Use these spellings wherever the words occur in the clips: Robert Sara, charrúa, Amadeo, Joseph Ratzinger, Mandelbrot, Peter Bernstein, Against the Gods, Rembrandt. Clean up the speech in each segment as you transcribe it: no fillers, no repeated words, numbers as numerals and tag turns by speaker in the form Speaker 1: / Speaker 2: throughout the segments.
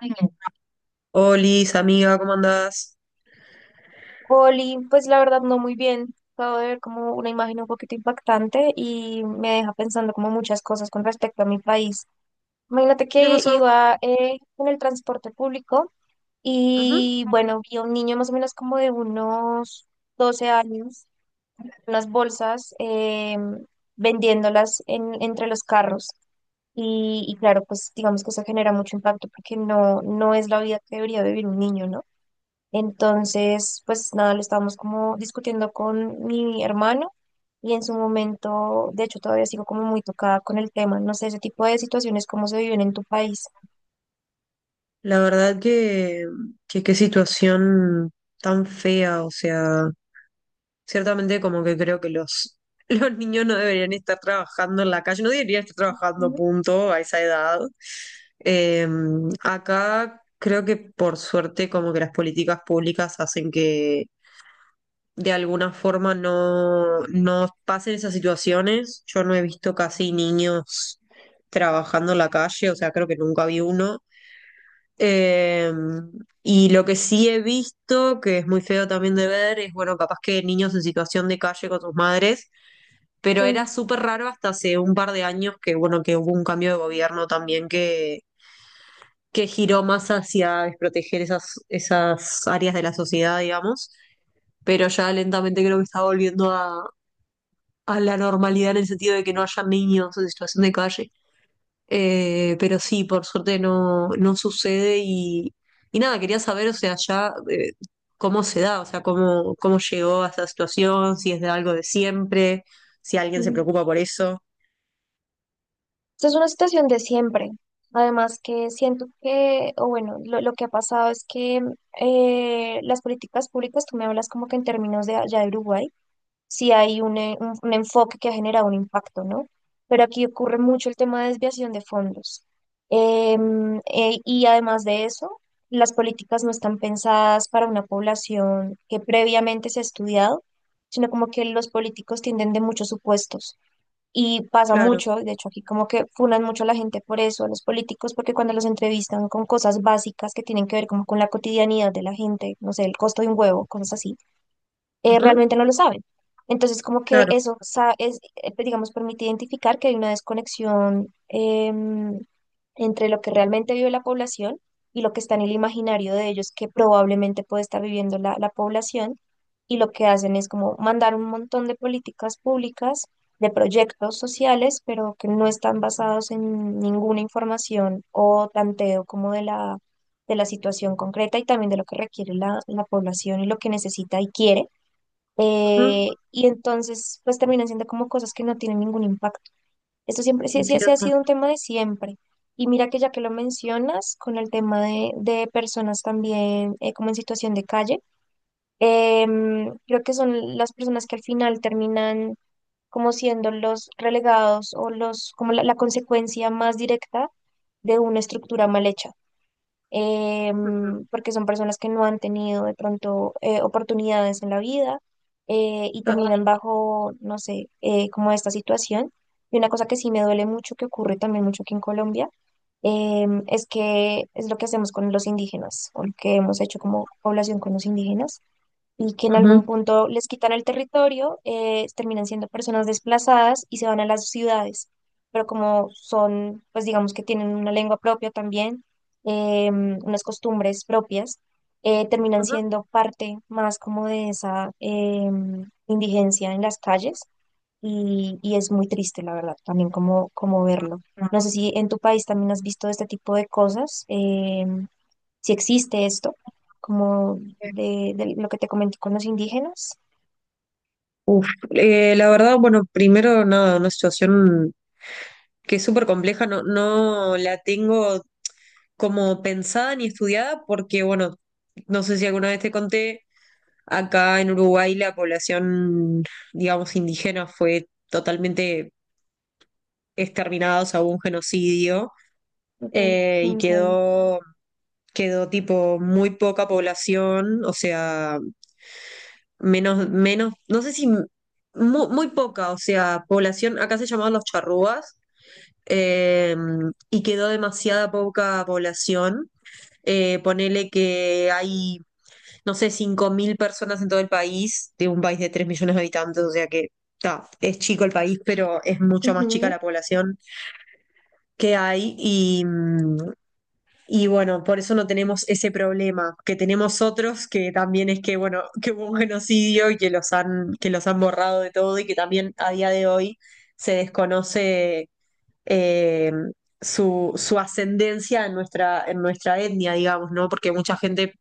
Speaker 1: Bien. Olis, amiga, ¿cómo andás?
Speaker 2: Oli, pues la verdad no muy bien. Acabo de ver como una imagen un poquito impactante y me deja pensando como muchas cosas con respecto a mi país. Imagínate
Speaker 1: ¿Qué te
Speaker 2: que
Speaker 1: pasó?
Speaker 2: iba en el transporte público
Speaker 1: Ajá.
Speaker 2: y bueno, vi a un niño más o menos como de unos 12 años, unas bolsas vendiéndolas entre los carros. Y claro, pues digamos que eso genera mucho impacto porque no es la vida que debería vivir un niño, ¿no? Entonces, pues nada, lo estábamos como discutiendo con mi hermano y en su momento, de hecho, todavía sigo como muy tocada con el tema. No sé, ese tipo de situaciones, cómo se viven en tu país.
Speaker 1: La verdad que qué situación tan fea, o sea, ciertamente como que creo que los niños no deberían estar trabajando en la calle, no deberían estar trabajando,
Speaker 2: Ujú.
Speaker 1: punto, a esa edad. Eh, Acá creo que por suerte como que las políticas públicas hacen que de alguna forma no pasen esas situaciones. Yo no he visto casi niños trabajando en la calle, o sea, creo que nunca vi uno. Eh, y lo que sí he visto, que es muy feo también de ver, es, bueno, capaz que niños en situación de calle con sus madres, pero era
Speaker 2: Sí.
Speaker 1: súper raro hasta hace un par de años bueno, que hubo un cambio de gobierno también que giró más hacia desproteger esas áreas de la sociedad, digamos, pero ya lentamente creo que está volviendo a la normalidad en el sentido de que no haya niños en situación de calle. Pero sí, por suerte no sucede y nada, quería saber, o sea, ya cómo se da, o sea, cómo llegó a esta situación, si es de algo de siempre, si alguien se
Speaker 2: Ujú.
Speaker 1: preocupa por eso.
Speaker 2: Esta es una situación de siempre. Además que siento que, o bueno, lo que ha pasado es que las políticas públicas, tú me hablas como que en términos de allá de Uruguay. Si hay un enfoque que ha generado un impacto, ¿no? Pero aquí ocurre mucho el tema de desviación de fondos. Y además de eso, las políticas no están pensadas para una población que previamente se ha estudiado, sino como que los políticos tienden de muchos supuestos. Y pasa
Speaker 1: Claro,
Speaker 2: mucho, de hecho aquí como que funan mucho a la gente por eso, a los políticos, porque cuando los entrevistan con cosas básicas que tienen que ver como con la cotidianidad de la gente, no sé, el costo de un huevo, cosas así
Speaker 1: ujú,
Speaker 2: realmente no lo saben. Entonces, como que
Speaker 1: claro,
Speaker 2: pues, digamos, permite identificar que hay una desconexión entre lo que realmente vive la población y lo que está en el imaginario de ellos que probablemente puede estar viviendo la población. Y lo que hacen es como mandar un montón de políticas públicas, de proyectos sociales, pero que no están basados en ninguna información o tanteo como de de la situación concreta y también de lo que requiere la población y lo que necesita y quiere.
Speaker 1: ujú,
Speaker 2: Y entonces, pues terminan siendo como cosas que no tienen ningún impacto. Esto siempre sí ha
Speaker 1: entiendo.
Speaker 2: sido un tema de siempre. Y mira que ya que lo mencionas, con el tema de personas también como en situación de calle, creo que son las personas que al final terminan como siendo los relegados o los, como la consecuencia más directa de una estructura mal hecha,
Speaker 1: Ujú,
Speaker 2: porque son personas que no han tenido de pronto oportunidades en la vida, y
Speaker 1: claro,
Speaker 2: terminan bajo, no sé, como esta situación. Y una cosa que sí me duele mucho, que ocurre también mucho aquí en Colombia, es que es lo que hacemos con los indígenas, o lo que hemos hecho como población con los indígenas y que en algún
Speaker 1: ujú,
Speaker 2: punto les quitan el territorio, terminan siendo personas desplazadas y se van a las ciudades. Pero como son, pues digamos que tienen una lengua propia también, unas costumbres propias, terminan
Speaker 1: ujú.
Speaker 2: siendo parte más como de esa indigencia en las calles y es muy triste, la verdad, también como, como verlo. No sé si en tu país también has visto este tipo de cosas. Si existe esto, como de lo que te comenté con los indígenas.
Speaker 1: Uf, la verdad, bueno, primero nada, una situación que es súper compleja, no la tengo como pensada ni estudiada porque, bueno, no sé si alguna vez te conté, acá en Uruguay la población, digamos, indígena fue totalmente exterminada, o sea, hubo un genocidio
Speaker 2: Ok,
Speaker 1: eh, y
Speaker 2: no sabía.
Speaker 1: quedó, quedó tipo muy poca población, o sea, no sé si muy poca, o sea, población, acá se llamaban los charrúas. eh, y quedó demasiada poca población ponele que hay, no sé, 5.000 personas en todo el país, de un país de 3.000.000 de habitantes, o sea que ta, es chico el país, pero es mucho más chica
Speaker 2: Ujú,
Speaker 1: la población que hay y bueno, por eso no tenemos ese problema que tenemos otros, que también es que, bueno, que hubo un genocidio y que los han borrado de todo y que también a día de hoy se desconoce. eh, su ascendencia en en nuestra etnia, digamos, ¿no? Porque mucha gente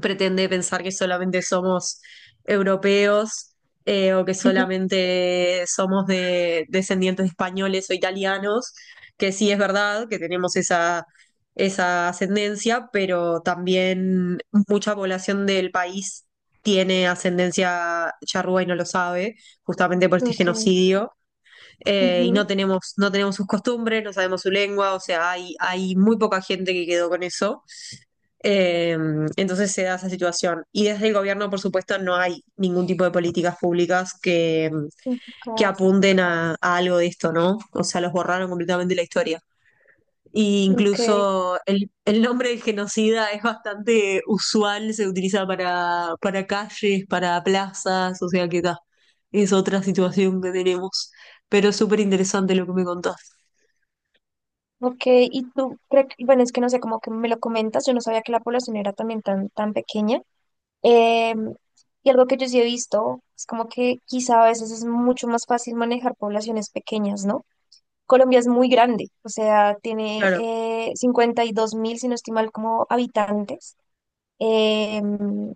Speaker 1: pretende pensar que solamente somos europeos, o que
Speaker 2: ujú.
Speaker 1: solamente somos de descendientes de españoles o italianos, que sí es verdad que tenemos esa ascendencia, pero también mucha población del país tiene ascendencia charrúa y no lo sabe, justamente por este
Speaker 2: Ok.
Speaker 1: genocidio.
Speaker 2: Ujú.
Speaker 1: No tenemos sus costumbres, no sabemos su lengua, o sea, hay muy poca gente que quedó con eso. Eh, entonces se da esa situación. Y desde el gobierno, por supuesto, no hay ningún tipo de políticas públicas que
Speaker 2: Ujucas.
Speaker 1: apunten a algo de esto, ¿no? O sea, los borraron completamente de la historia. E
Speaker 2: Ok.
Speaker 1: incluso el nombre del genocida es bastante usual, se utiliza para calles, para plazas, o sea que ta, es otra situación que tenemos. Pero es súper interesante lo que me contás.
Speaker 2: Ok. Y tú, creo que bueno, es que no sé, como que me lo comentas, yo no sabía que la población era también tan, tan pequeña. Em, y algo que yo sí he visto es como que quizá a veces es mucho más fácil manejar poblaciones pequeñas, ¿no? Colombia es muy grande, o sea, tiene 52.000, si no estoy mal, como habitantes. eh,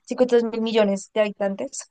Speaker 2: 52 mil millones de habitantes.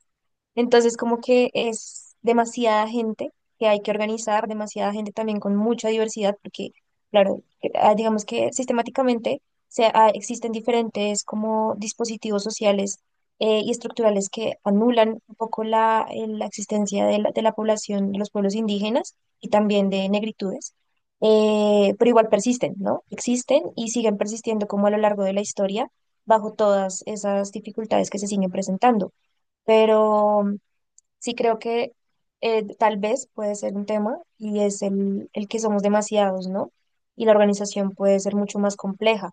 Speaker 2: Entonces, como que es demasiada gente que hay que organizar, demasiada gente también con mucha diversidad, porque, claro, que ah, digamos que sistemáticamente se, ah, existen diferentes como dispositivos sociales y estructurales que anulan un poco la existencia de de la población de los pueblos indígenas y también de negritudes, pero igual persisten, ¿no? Existen y siguen persistiendo como a lo largo de la historia bajo todas esas dificultades que se siguen presentando. Pero sí, creo que tal vez puede ser un tema y es el que somos demasiados, ¿no? Y la organización puede ser mucho más compleja.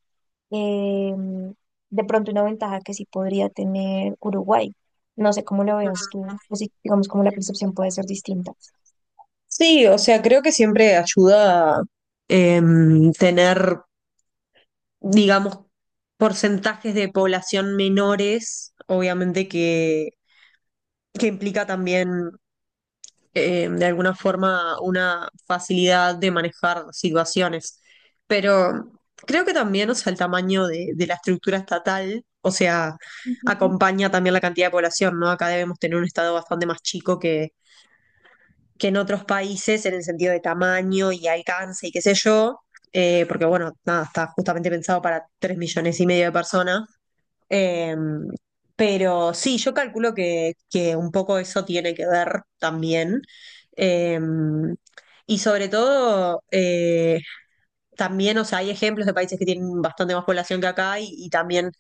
Speaker 2: Eh, de pronto una ventaja que sí podría tener Uruguay. No sé cómo lo veas tú, o si digamos cómo la percepción puede ser distinta.
Speaker 1: Sí, o sea, creo que siempre ayuda, tener, digamos, porcentajes de población menores, obviamente que implica también, de alguna forma, una facilidad de manejar situaciones. Pero creo que también, o sea, el tamaño de la estructura estatal, o sea,
Speaker 2: Ujú,
Speaker 1: acompaña también la cantidad de población, ¿no? Acá debemos tener un estado bastante más chico que en otros países en el sentido de tamaño y alcance y qué sé yo, porque bueno, nada, está justamente pensado para 3.500.000 de personas. Eh, pero sí, yo calculo que un poco eso tiene que ver también. Eh, y sobre todo, también, o sea, hay ejemplos de países que tienen bastante más población que acá y también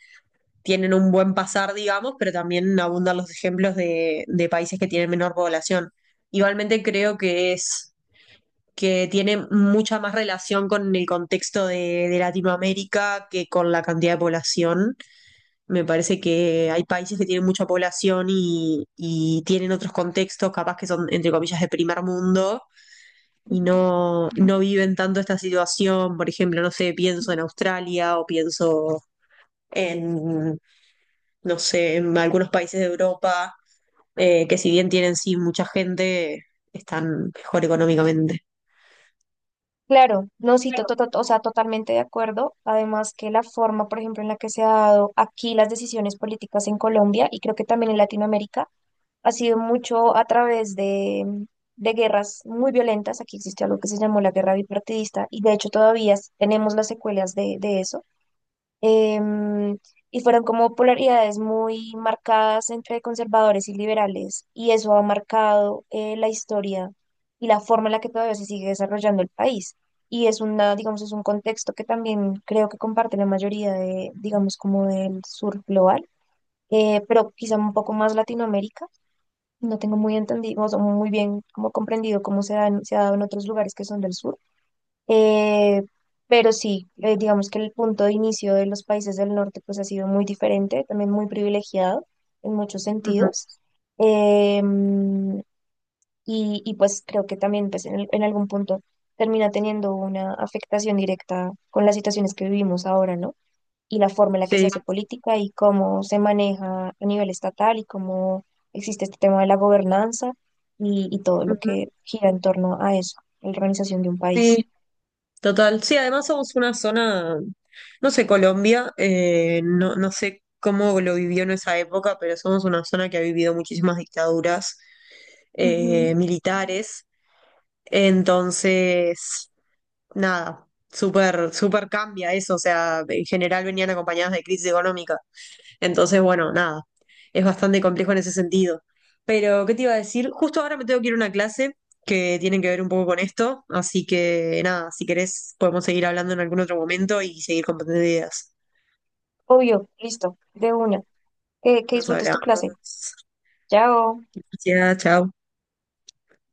Speaker 1: tienen un buen pasar, digamos, pero también abundan los ejemplos de países que tienen menor población. Igualmente creo que es que tiene mucha más relación con el contexto de Latinoamérica que con la cantidad de población. Me parece que hay países que tienen mucha población y tienen otros contextos, capaz que son, entre comillas, de primer mundo y
Speaker 2: ujú.
Speaker 1: no viven tanto esta situación. Por ejemplo, no sé, pienso en Australia o pienso en, no sé, en algunos países de Europa, que si bien tienen sí mucha gente, están mejor económicamente.
Speaker 2: Claro, no, sí, o sea, totalmente de acuerdo. Además que la forma, por ejemplo, en la que se ha dado aquí las decisiones políticas en Colombia y creo que también en Latinoamérica, ha sido mucho a través de, de guerras muy violentas. Aquí existió algo que se llamó la guerra bipartidista y de hecho todavía tenemos las secuelas de eso. Em, y fueron como polaridades muy marcadas entre conservadores y liberales y eso ha marcado la historia y la forma en la que todavía se sigue desarrollando el país. Y es una, digamos, es un contexto que también creo que comparte la mayoría de, digamos, como del sur global, pero quizá un poco más Latinoamérica. No tengo muy entendido, o sea, muy bien como comprendido cómo se ha dado en otros lugares que son del sur. Eh, pero sí, digamos que el punto de inicio de los países del norte pues ha sido muy diferente, también muy privilegiado en muchos
Speaker 1: Ujú.
Speaker 2: sentidos. Em, y, y, pues creo que también pues, en algún punto termina teniendo una afectación directa con las situaciones que vivimos ahora, ¿no? Y la forma en la que se
Speaker 1: Sí.
Speaker 2: hace política y cómo se maneja a nivel estatal y cómo existe este tema de la gobernanza y todo lo
Speaker 1: Ujú.
Speaker 2: que gira en torno a eso, la organización de un país.
Speaker 1: Sí, total, sí, además somos una zona, no sé, Colombia, no sé cómo lo vivió en esa época, pero somos una zona que ha vivido muchísimas dictaduras
Speaker 2: Ujú.
Speaker 1: militares, entonces, nada, súper, súper cambia eso, o sea, en general venían acompañadas de crisis económica. Entonces, bueno, nada, es bastante complejo en ese sentido. Pero ¿qué te iba a decir? Justo ahora me tengo que ir a una clase que tiene que ver un poco con esto, así que nada, si querés podemos seguir hablando en algún otro momento y seguir compartiendo ideas.
Speaker 2: Obvio, listo, de una. Que
Speaker 1: Nos
Speaker 2: disfrutes
Speaker 1: hablamos.
Speaker 2: tu clase. Chao.
Speaker 1: Gracias, chao.